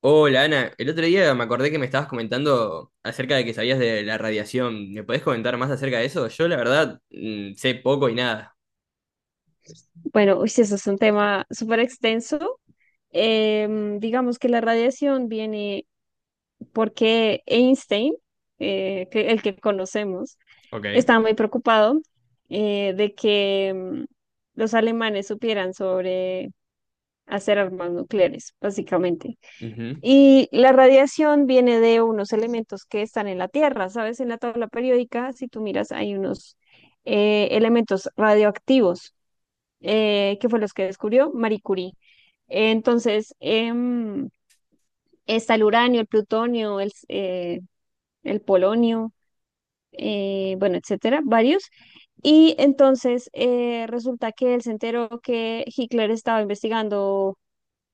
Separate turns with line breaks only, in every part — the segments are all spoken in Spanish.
Hola Ana, el otro día me acordé que me estabas comentando acerca de que sabías de la radiación. ¿Me podés comentar más acerca de eso? Yo la verdad sé poco y nada.
Bueno, uy, sí, eso es un tema súper extenso. Digamos que la radiación viene porque Einstein, el que conocemos,
Ok.
estaba muy preocupado de que los alemanes supieran sobre hacer armas nucleares, básicamente.
Ujú.
Y la radiación viene de unos elementos que están en la Tierra, ¿sabes? En la tabla periódica, si tú miras, hay unos elementos radioactivos que fue los que descubrió Marie Curie. Entonces, está el uranio, el plutonio, el polonio, bueno, etcétera, varios. Y entonces resulta que él se enteró que Hitler estaba investigando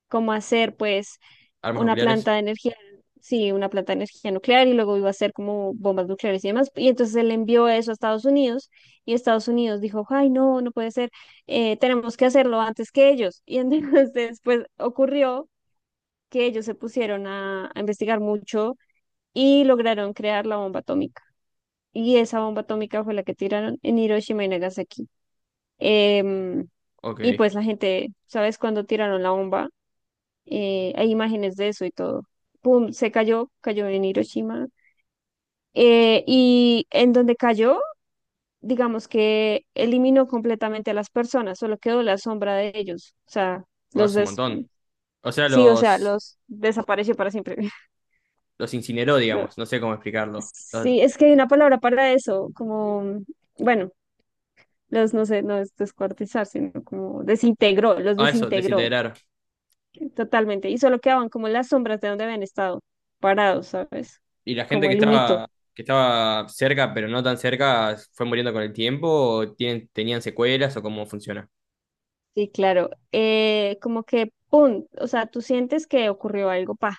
cómo hacer, pues,
Armas
una
nucleares.
planta de energía, sí, una planta de energía nuclear y luego iba a hacer como bombas nucleares y demás. Y entonces él envió eso a Estados Unidos y Estados Unidos dijo, ay, no, no puede ser, tenemos que hacerlo antes que ellos. Y entonces pues ocurrió que ellos se pusieron a investigar mucho y lograron crear la bomba atómica. Y esa bomba atómica fue la que tiraron en Hiroshima y Nagasaki. Em, y
Ok.
pues la gente, ¿sabes? Cuando tiraron la bomba, hay imágenes de eso y todo. Pum, se cayó, cayó en Hiroshima. Y en donde cayó, digamos que eliminó completamente a las personas, solo quedó la sombra de ellos. O sea,
Oh,
los
es un
des
montón. O sea,
sí, o sea, los desapareció para siempre.
los incineró,
No,
digamos. No sé cómo explicarlo. Los-
sí, es que hay una palabra para eso, como, bueno. Los, no sé, no es descuartizar, sino como desintegró, los
ah, eso,
desintegró
desintegrar.
totalmente. Y solo quedaban como las sombras de donde habían estado parados, ¿sabes?
¿Y la gente
Como el humito.
que estaba cerca, pero no tan cerca, fue muriendo con el tiempo? ¿O tienen- tenían secuelas o cómo funciona?
Sí, claro. Como que, ¡pum! O sea, tú sientes que ocurrió algo, pa.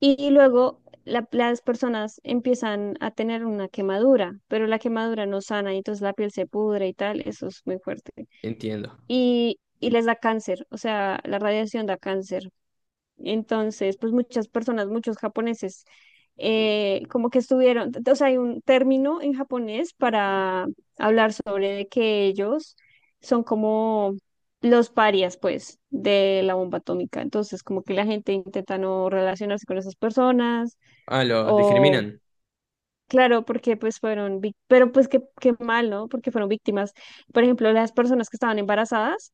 Y, luego las personas empiezan a tener una quemadura, pero la quemadura no sana y entonces la piel se pudre y tal, eso es muy fuerte.
Entiendo.
Y les da cáncer, o sea, la radiación da cáncer. Entonces, pues muchas personas, muchos japoneses, como que estuvieron, o sea, hay un término en japonés para hablar sobre de que ellos son como los parias, pues, de la bomba atómica. Entonces, como que la gente intenta no relacionarse con esas personas
Ah, los
o...
discriminan.
Claro, porque pues fueron, pero pues qué, qué mal, ¿no? Porque fueron víctimas. Por ejemplo, las personas que estaban embarazadas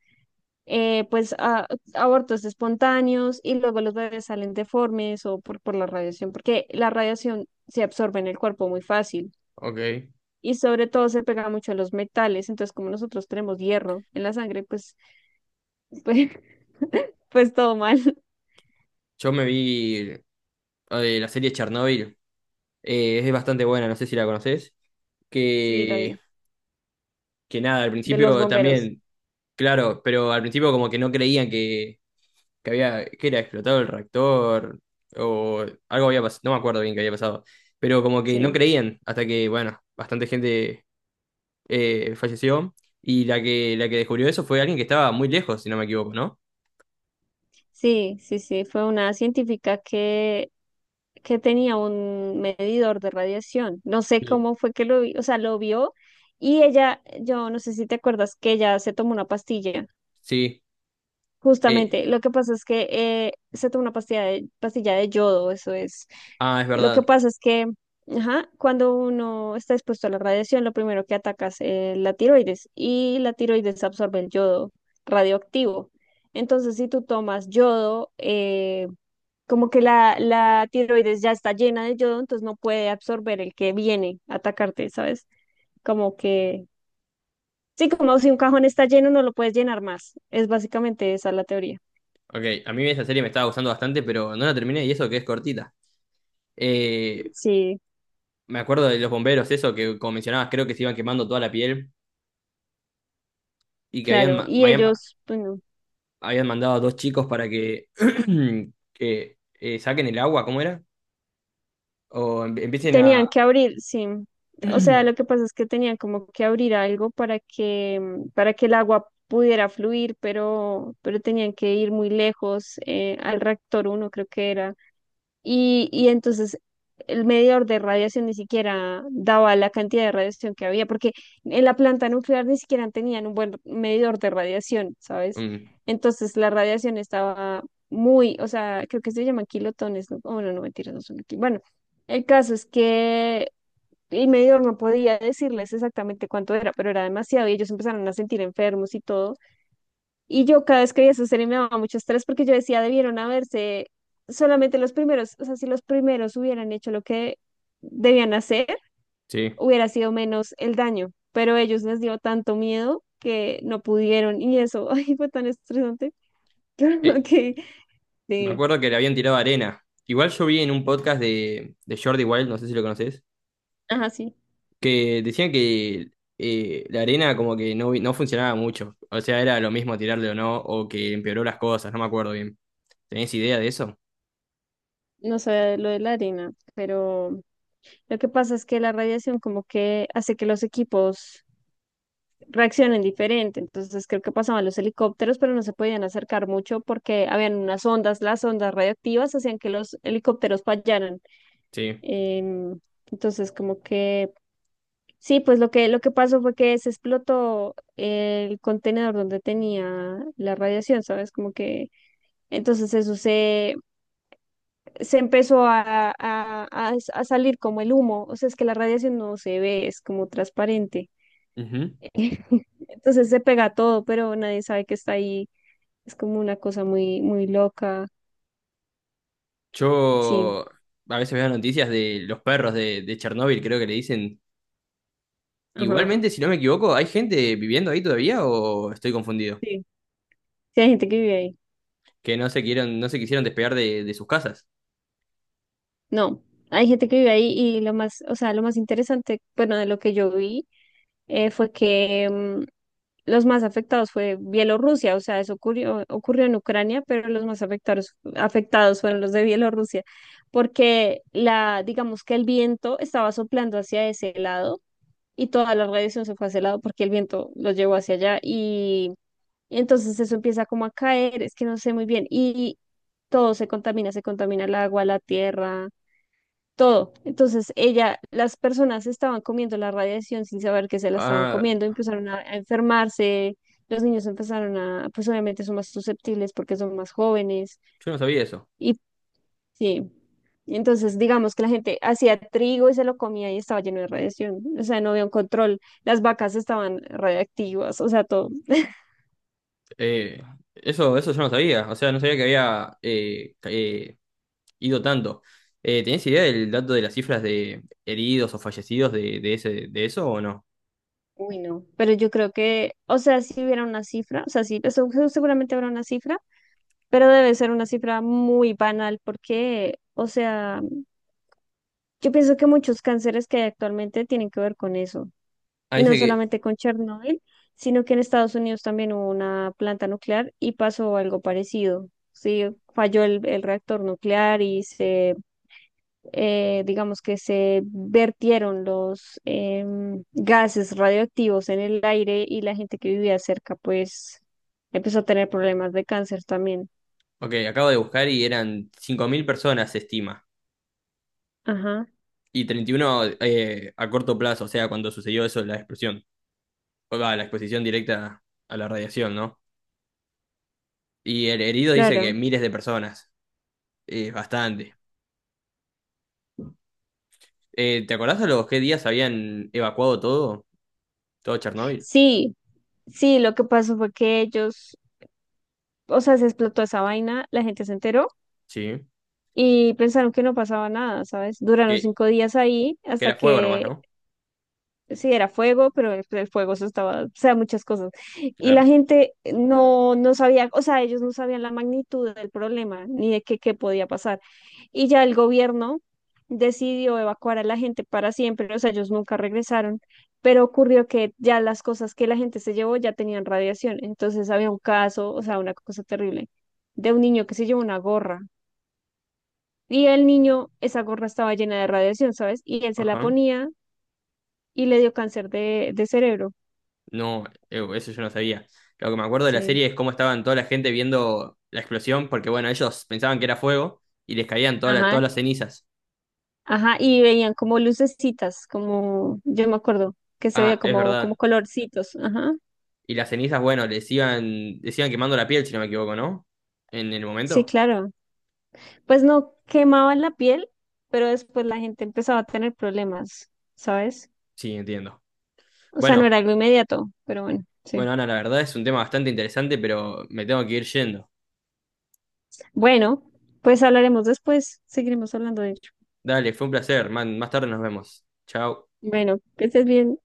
pues abortos espontáneos y luego los bebés salen deformes o por la radiación, porque la radiación se absorbe en el cuerpo muy fácil
Ok.
y sobre todo se pega mucho a los metales, entonces como nosotros tenemos hierro en la sangre, pues, pues, pues todo mal,
Yo me vi la serie Chernobyl. Es bastante buena, no sé si la conoces.
sí, lo
Que,
vi,
que nada, al
de los
principio
bomberos,
también, claro, pero al principio como que no creían que había, que era explotado el reactor o algo había pasado, no me acuerdo bien qué había pasado, pero como que no
sí,
creían hasta que, bueno, bastante gente falleció y la que descubrió eso fue alguien que estaba muy lejos, si no me equivoco, ¿no?
sí, sí, sí, fue una científica que tenía un medidor de radiación. No sé
Sí.
cómo fue que lo vi, o sea, lo vio y ella, yo no sé si te acuerdas que ella se tomó una pastilla.
Sí. eh,
Justamente, lo que pasa es que se toma una pastilla de yodo, eso es.
ah, es
Lo que
verdad.
pasa es que, ajá, cuando uno está expuesto a la radiación, lo primero que ataca es la tiroides y la tiroides absorbe el yodo radioactivo. Entonces, si tú tomas yodo, como que la tiroides ya está llena de yodo, entonces no puede absorber el que viene a atacarte, ¿sabes? Como que, sí, como si un cajón está lleno, no lo puedes llenar más. Es básicamente esa la teoría.
Ok, a mí esa serie me estaba gustando bastante, pero no la terminé y eso que es cortita. Eh,
Sí.
me acuerdo de los bomberos, eso que como mencionabas, creo que se iban quemando toda la piel y que habían,
Claro,
ma-
y
habían,
ellos, bueno,
habían mandado a dos chicos para que, que, saquen el agua, ¿cómo era? O em- empiecen a...
tenían que abrir, sí. O sea, lo que pasa es que tenían como que abrir algo para que, para que el agua pudiera fluir, pero tenían que ir muy lejos al reactor uno, creo que era. Y entonces el medidor de radiación ni siquiera daba la cantidad de radiación que había, porque en la planta nuclear ni siquiera tenían un buen medidor de radiación, ¿sabes?
Mm,
Entonces la radiación estaba muy, o sea, creo que se llaman kilotones, ¿no? Oh, no, no, mentiras, no son aquí. Bueno, el caso es que el medidor no podía decirles exactamente cuánto era, pero era demasiado y ellos empezaron a sentir enfermos y todo. Y yo cada vez que veía esa serie me daba mucho estrés porque yo decía, debieron haberse solamente los primeros, o sea, si los primeros hubieran hecho lo que debían hacer,
sí.
hubiera sido menos el daño, pero ellos les dio tanto miedo que no pudieron y eso, ay, fue tan estresante.
Eh,
que
me
sí,
acuerdo que le habían tirado arena. Igual yo vi en un podcast de Jordi Wild, no sé si lo conoces,
ajá, sí,
que decían que la arena como que no, no funcionaba mucho. O sea, era lo mismo tirarle o no, o que empeoró las cosas, no me acuerdo bien. ¿Tenés idea de eso?
no sabía lo de la arena, pero lo que pasa es que la radiación como que hace que los equipos reaccionen diferente. Entonces creo que pasaban los helicópteros, pero no se podían acercar mucho porque habían unas ondas, las ondas radioactivas hacían que los helicópteros fallaran.
Sí.
Em, entonces como que sí, pues lo que pasó fue que se explotó el contenedor donde tenía la radiación, ¿sabes? Como que entonces eso se empezó a salir como el humo, o sea, es que la radiación no se ve, es como transparente.
Ujú.
Entonces se pega todo, pero nadie sabe que está ahí. Es como una cosa muy, muy loca. Sí,
Yo a veces veo noticias de los perros de Chernóbil, creo que le dicen.
ajá.
Igualmente, si no me equivoco, ¿hay gente viviendo ahí todavía o estoy confundido?
Sí. Sí, hay gente que vive ahí.
Que no se quieron, no se quisieron despegar de sus casas.
No, hay gente que vive ahí y lo más, o sea, lo más interesante, bueno, de lo que yo vi fue que los más afectados fue Bielorrusia, o sea, eso ocurrió, ocurrió en Ucrania, pero los más afectados, afectados fueron los de Bielorrusia, porque digamos que el viento estaba soplando hacia ese lado y toda la radiación se fue hacia ese lado porque el viento los llevó hacia allá. Y entonces eso empieza como a caer, es que no sé muy bien, y todo se contamina el agua, la tierra, todo. Entonces ella, las personas estaban comiendo la radiación sin saber que se la estaban
Ah,
comiendo, empezaron a enfermarse, los niños empezaron a, pues obviamente son más susceptibles porque son más jóvenes,
yo no sabía eso.
y sí. Entonces, digamos que la gente hacía trigo y se lo comía y estaba lleno de radiación, o sea, no había un control, las vacas estaban radiactivas, o sea, todo.
Eh, eso, eso yo no sabía. O sea, no sabía que había ca- ido tanto. ¿Tenés idea del dato de las cifras de heridos o fallecidos de ese, de eso o no?
Pero yo creo que, o sea, si hubiera una cifra, o sea, sí, eso seguramente habrá una cifra, pero debe ser una cifra muy banal porque, o sea, yo pienso que muchos cánceres que hay actualmente tienen que ver con eso.
Ah,
Y
dice
no
que,
solamente con Chernobyl, sino que en Estados Unidos también hubo una planta nuclear y pasó algo parecido. Sí, falló el reactor nuclear y se digamos que se vertieron los gases radioactivos en el aire y la gente que vivía cerca, pues empezó a tener problemas de cáncer también.
ok, acabo de buscar y eran 5.000 personas, se estima.
Ajá,
Y 31 a corto plazo, o sea, cuando sucedió eso de la explosión, o va, la exposición directa a la radiación, ¿no? Y el herido dice que
claro.
miles de personas, es bastante. ¿Te acordás a los qué días habían evacuado todo? Todo Chernóbil.
Sí, sí, lo que pasó fue que ellos, o sea, se explotó esa vaina, la gente se enteró
Sí.
y pensaron que no pasaba nada, ¿sabes? Duraron
Que,
5 días ahí
que
hasta
era fuego nomás,
que
¿no?
sí, era fuego, pero el fuego se estaba, o sea, muchas cosas. Y la
Claro.
gente no sabía, o sea, ellos no sabían la magnitud del problema, ni de qué podía pasar. Y ya el gobierno decidió evacuar a la gente para siempre, o sea, ellos nunca regresaron, pero ocurrió que ya las cosas que la gente se llevó ya tenían radiación. Entonces había un caso, o sea, una cosa terrible, de un niño que se llevó una gorra. Y el niño, esa gorra estaba llena de radiación, ¿sabes? Y él se la
Ajá.
ponía y le dio cáncer de cerebro.
No, eso yo no sabía. Lo que me acuerdo de la
Sí,
serie es cómo estaban toda la gente viendo la explosión, porque bueno, ellos pensaban que era fuego y les caían todas
ajá,
las cenizas.
ajá, y veían como lucecitas, como, yo me acuerdo, que se
Ah,
veía
es
como,
verdad.
colorcitos, ajá,
Y las cenizas, bueno, les iban quemando la piel, si no me equivoco, ¿no? En el
sí,
momento.
claro, pues no quemaban la piel, pero después la gente empezaba a tener problemas, ¿sabes?
Sí, entiendo.
O sea, no
Bueno,
era algo inmediato, pero bueno, sí.
bueno, Ana, la verdad es un tema bastante interesante, pero me tengo que ir yendo.
Bueno, pues hablaremos después, seguiremos hablando de ello.
Dale, fue un placer. Man, más tarde nos vemos. Chao.
Bueno, que estés bien.